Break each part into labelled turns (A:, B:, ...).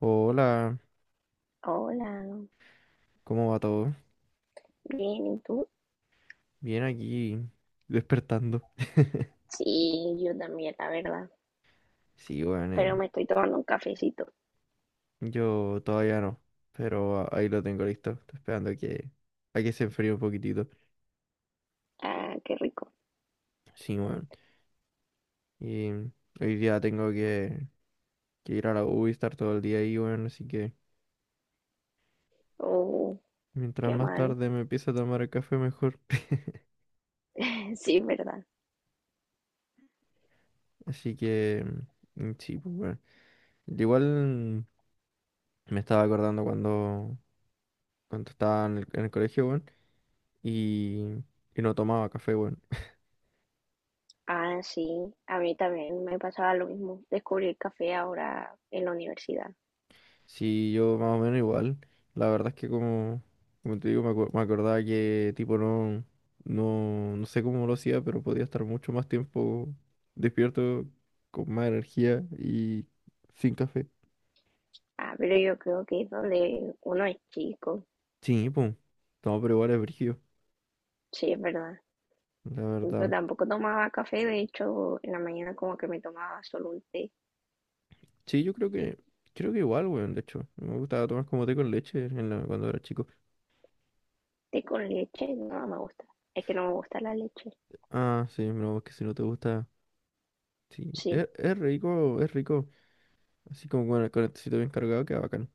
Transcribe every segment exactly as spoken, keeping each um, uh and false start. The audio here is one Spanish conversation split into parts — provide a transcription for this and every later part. A: Hola,
B: Hola,
A: ¿cómo va todo?
B: bien, ¿y tú?
A: Bien aquí, despertando.
B: Sí, yo también, la verdad.
A: Sí, bueno,
B: Pero
A: eh,
B: me estoy tomando un cafecito.
A: yo todavía no, pero a- ahí lo tengo listo. Estoy esperando a que, a que se enfríe un poquitito.
B: Ah, qué rico.
A: Sí, bueno. Y mm, hoy día tengo que, que ir a la U y estar todo el día ahí, bueno, así que
B: Oh,
A: mientras
B: qué
A: más
B: mal.
A: tarde me empiece a tomar el café, mejor.
B: Sí, verdad.
A: Así que, mm, sí, pues bueno. Igual mm, me estaba acordando cuando, cuando estaba en el, en el colegio, bueno. y, y no tomaba café, bueno.
B: Ah, sí, a mí también me pasaba lo mismo. Descubrí el café ahora en la universidad.
A: Sí, yo más o menos igual. La verdad es que como, como te digo, me, acu- me acordaba que tipo no, no, no sé cómo lo hacía, pero podía estar mucho más tiempo despierto, con más energía y sin café.
B: Ah, pero yo creo que es donde uno es chico.
A: Sí, pues. No, pero igual es brígido,
B: Sí, es verdad.
A: la
B: Yo
A: verdad.
B: tampoco tomaba café, de hecho, en la mañana como que me tomaba solo un té.
A: Sí, yo creo que, creo que igual, weón, de hecho. Me gustaba tomar como té con leche en la- cuando era chico.
B: Té con leche, no me gusta. Es que no me gusta la leche.
A: Ah, sí, no, es que si no te gusta. Sí,
B: Sí,
A: es, es rico, es rico. Así como con el, con bien cargado, queda bacán.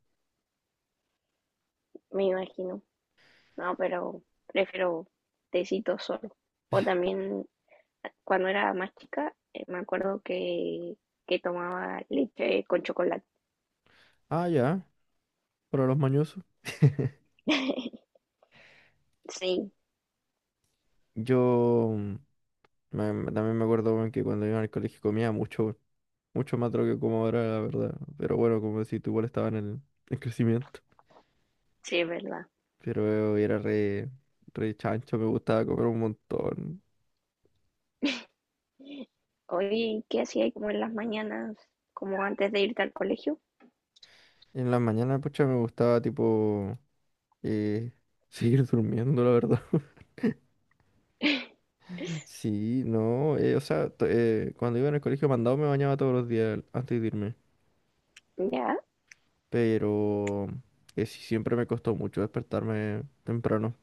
B: me imagino. No, pero prefiero tecito solo. O también cuando era más chica, eh, me acuerdo que, que tomaba leche con chocolate.
A: Ah, ya, para los mañosos.
B: Sí,
A: Yo mm, me- me- también me acuerdo, weón, que cuando iba al colegio comía mucho, weón. Mucho más de lo que como ahora, la verdad. Pero bueno, como decís, tú igual estaba en el en crecimiento.
B: sí, es verdad.
A: Pero era re, re chancho, me gustaba comer un montón.
B: Oye, ¿qué hacía como en las mañanas, como antes de irte al colegio?
A: En las mañanas, pucha, me gustaba, tipo, eh, seguir durmiendo, la verdad. Sí, no, eh, o sea, to- eh, cuando iba en el colegio mandado me bañaba todos los días antes de irme.
B: Ya,
A: Pero que sí, siempre me costó mucho despertarme temprano.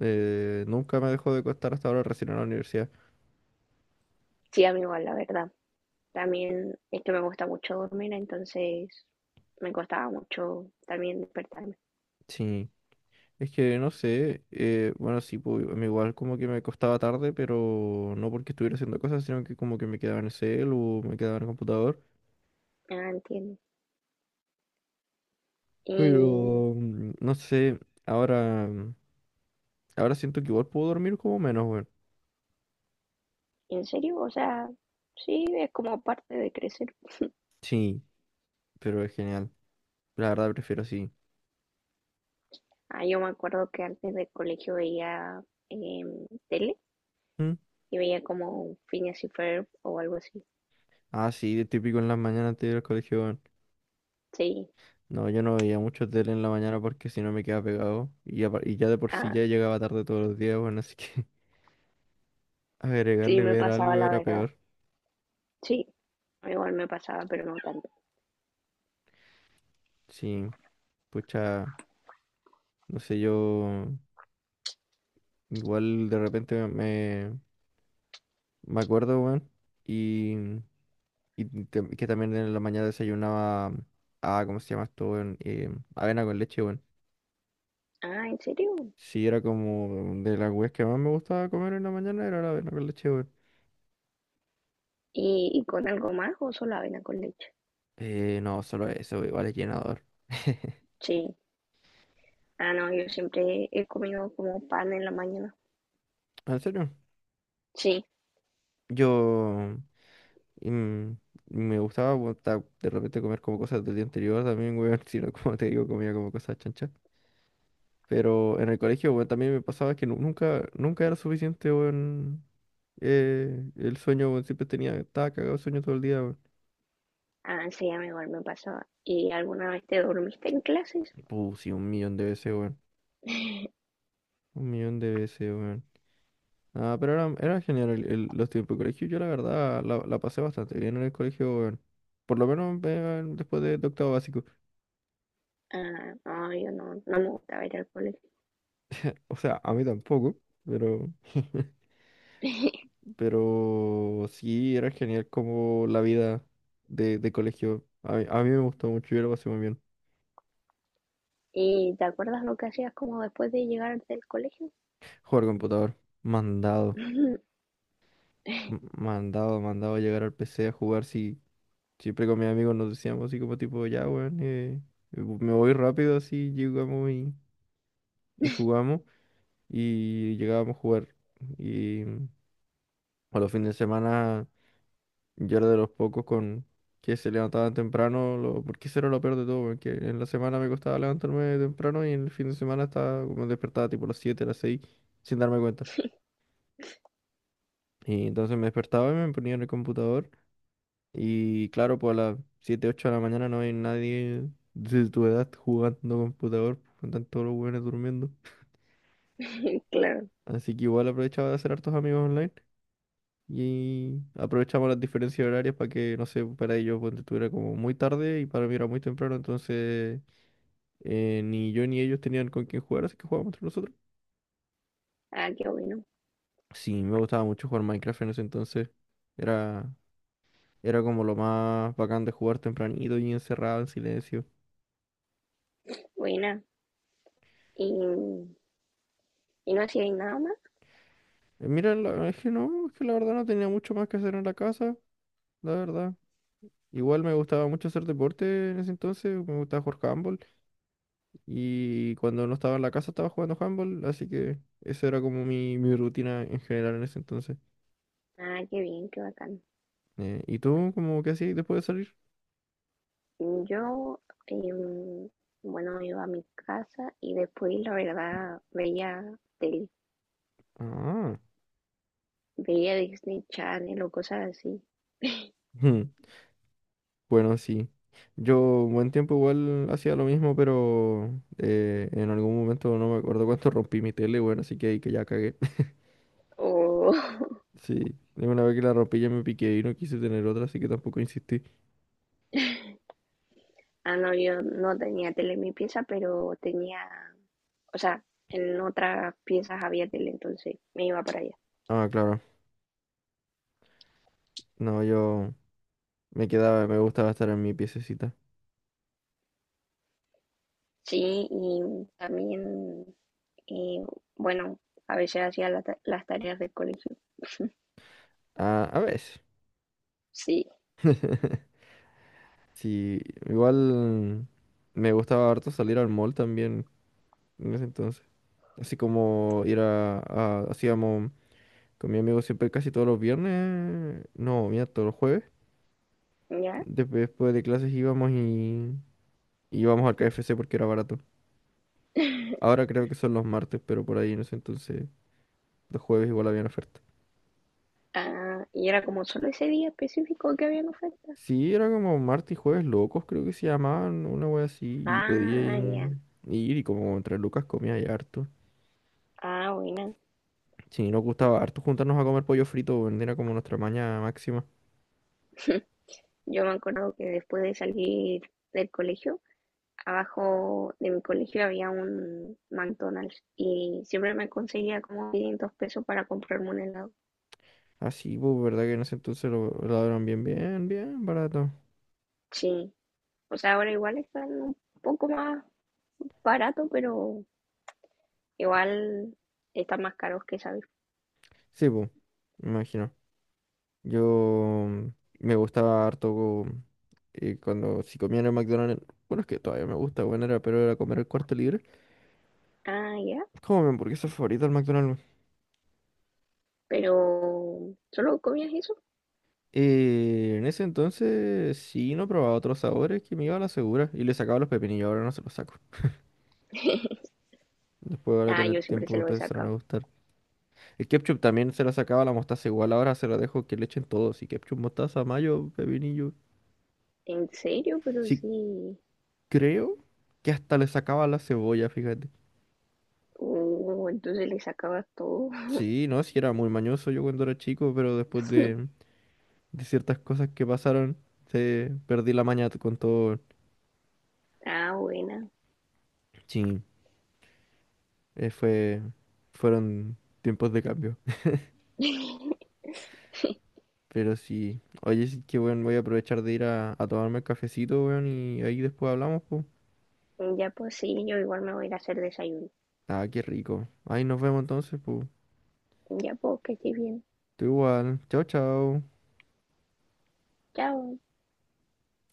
A: Eh, nunca me dejó de costar hasta ahora recién en la universidad.
B: sí, a mí igual, la verdad. También es que me gusta mucho dormir, entonces me costaba mucho también despertarme.
A: Sí, es que no sé, eh, bueno, sí, pues, a mí igual como que me costaba tarde, pero no porque estuviera haciendo cosas, sino que como que me quedaba en el cel o me quedaba en el computador.
B: Ah, entiendo. Y
A: Pero mm, no sé, ahora, mm, ahora siento que igual puedo dormir como menos, weón.
B: ¿en serio? O sea, sí, es como parte de crecer.
A: Sí, pero es genial. La verdad prefiero así.
B: Ah, yo me acuerdo que antes del colegio veía em, tele
A: ¿Mm?
B: y veía como Phineas y Ferb o algo así.
A: Ah, sí, de típico en las mañanas antes de ir al colegio, weón.
B: Sí,
A: No, yo no veía mucho tele en la mañana porque si no me quedaba pegado. Y ya, y ya de por sí
B: ah,
A: ya llegaba tarde todos los días, bueno, así que
B: sí
A: agregarle
B: me
A: ver
B: pasaba
A: algo
B: la
A: era
B: verdad.
A: peor.
B: Sí, igual me pasaba, pero no tanto.
A: Sí, pucha, no sé, yo igual de repente me, me acuerdo, weón. Y, y te- que también en la mañana desayunaba, ah, ¿cómo se llama esto, weón? Eh, avena con leche, weón.
B: Ah, ¿en serio?
A: Sí, era como de las weas que más me gustaba comer en la mañana, era la avena con leche, weón.
B: ¿Y, y con algo más o solo avena con leche?
A: Eh, no, solo eso, igual es llenador.
B: Sí. Ah, no, yo siempre he comido como pan en la mañana.
A: ¿En serio?
B: Sí.
A: Yo mm, me gustaba bueno, de repente comer como cosas del día anterior también, weón, si no, como te digo, comía como cosas chanchas. Pero en el colegio, weón, también me pasaba que nu- nunca, nunca era suficiente, weón. Eh, el sueño, weón, siempre tenía, estaba cagado de sueño todo el día, weón.
B: Ah, sí, a mí igual me pasaba. ¿Y alguna vez te dormiste en clases?
A: Puh, sí, un millón de veces, weón. Un millón de veces, weón. Ah, pero era, era genial el- el- los tiempos de colegio. Yo la verdad la, la pasé bastante bien en el colegio, weón. Por lo menos eh, después de de octavo básico.
B: Ah, no, yo no, no me gusta ir al colegio.
A: O sea, a mí tampoco, pero, pero sí era genial como la vida de, de colegio. A mí, a mí me gustó mucho, yo lo pasé muy bien.
B: ¿Y te acuerdas lo que hacías como después de llegar del colegio?
A: Jugar computador, mandado, m- mandado, mandado a llegar al P C a jugar. Sí, siempre con mis amigos nos decíamos así como tipo, ya, weón, eh, me voy rápido así, llegamos y, y jugamos y llegábamos a jugar. Y mm, a los fines de semana... Yo era de los pocos con que se levantaban temprano, lo- porque eso era lo peor de todo, porque en la semana me costaba levantarme temprano y en el fin de semana estaba como despertaba tipo a las siete a las seis sin darme cuenta. Y entonces me despertaba y me ponía en el computador y claro, pues a las siete ocho de la mañana no hay nadie de tu edad jugando computador, con tanto los buenos durmiendo.
B: Claro.
A: Así que igual aprovechaba de hacer hartos amigos online. Y aprovechamos las diferencias horarias para que, no sé, para ellos ponte tú, era como muy tarde y para mí era muy temprano, entonces eh, ni yo ni ellos tenían con quién jugar, así que jugábamos entre nosotros.
B: Ah, qué bueno.
A: Sí, me gustaba mucho jugar Minecraft en ese entonces. Era, era como lo más bacán de jugar tempranito y encerrado en silencio.
B: Buena. ¿Y, y no hacíais nada más?
A: Eh, Mira, la- es que no, es que la verdad no tenía mucho más que hacer en la casa, la verdad. Igual me gustaba mucho hacer deporte en ese entonces, me gustaba jugar handball. Y cuando no estaba en la casa estaba jugando handball, así que esa era como mi, mi rutina en general en ese entonces.
B: Ah, qué bien, qué bacán.
A: Eh, ¿y tú, como qué hacías después de salir?
B: Yo, em, bueno, iba a mi casa y después, la verdad, veía tele.
A: Ah,
B: Veía Disney Channel o cosas así.
A: ujú, bueno, sí. Yo un buen tiempo igual hacía lo mismo, pero eh, en algún momento no me acuerdo cuánto rompí mi tele, bueno, así que ahí que ya cagué.
B: O,
A: Sí, de una vez que la rompí ya me piqué y no quise tener otra, así que tampoco insistí.
B: ah, no, yo no tenía tele en mi pieza, pero tenía, o sea, en otras piezas había tele, entonces me iba para allá.
A: Ah, claro. No, yo me quedaba, me gustaba estar en mi piececita.
B: Sí, y también, eh, bueno, a veces hacía la ta- las tareas del colegio.
A: Ah, a veces.
B: Sí,
A: Sí, igual me gustaba harto salir al mall también en ese entonces. Así como ir a, a- hacíamos con mi amigo siempre casi todos los viernes, no, mira, todos los jueves.
B: ya.
A: Desp- Después de clases íbamos y íbamos al K F C porque era barato. Ahora creo que son los martes, pero por ahí en ese entonces los jueves igual había oferta.
B: Ah, y era como solo ese día específico que había en oferta.
A: Sí, era como martes y jueves locos, creo que se llamaban, una wea así, y podía
B: Ah,
A: ir,
B: ya.
A: ir y como entre lucas comía y harto.
B: Ah, bueno.
A: Sí, nos gustaba harto juntarnos a comer pollo frito, weón, era como nuestra maña máxima.
B: Yo me acuerdo que después de salir del colegio, abajo de mi colegio había un McDonald's y siempre me conseguía como quinientos pesos para comprarme un helado.
A: Así, pues, ¿verdad que en ese entonces lo, lo daban bien, bien, bien barato?
B: Sí. O sea, ahora igual están un poco más barato, pero igual están más caros que esa vez.
A: Sí, pues, me imagino. Yo mm, me gustaba harto co- eh, cuando, si comía en el McDonald's, bueno, es que todavía me gusta, bueno, era, pero era comer el cuarto libre.
B: Ah, ya.
A: Como mi hamburguesa favorita del McDonald's, weón.
B: Pero, ¿solo comías eso?
A: Eh, en ese entonces sí, no probaba otros sabores que me iba a la segura y le sacaba los pepinillos, ahora no se los saco. Después ahora
B: Ah,
A: con el
B: yo siempre
A: tiempo
B: se
A: me
B: lo he
A: empezaron a
B: sacado.
A: gustar. El ketchup también se lo sacaba la mostaza igual, ahora se lo dejo que le echen todo. Si ketchup, mostaza, mayo, pepinillo.
B: ¿En serio? Pero
A: Sí,
B: sí.
A: creo que hasta le sacaba la cebolla, fíjate.
B: Uh, entonces le sacabas todo.
A: Sí, no, sí era muy mañoso yo cuando era chico, pero después de, de ciertas cosas que pasaron, se perdí la maña con todo.
B: Ah, buena.
A: Sí, eh, fue, fueron tiempos de cambio. Pero sí, oye, sí que bueno, voy a aprovechar de ir a, a tomarme el cafecito, weón, y ahí después hablamos, pues.
B: Ya pues sí, yo igual me voy a ir a hacer desayuno.
A: Ah, qué rico. Ahí nos vemos entonces, pues.
B: Ya pues, que estés bien.
A: Tú igual. Chau, chau.
B: Chao.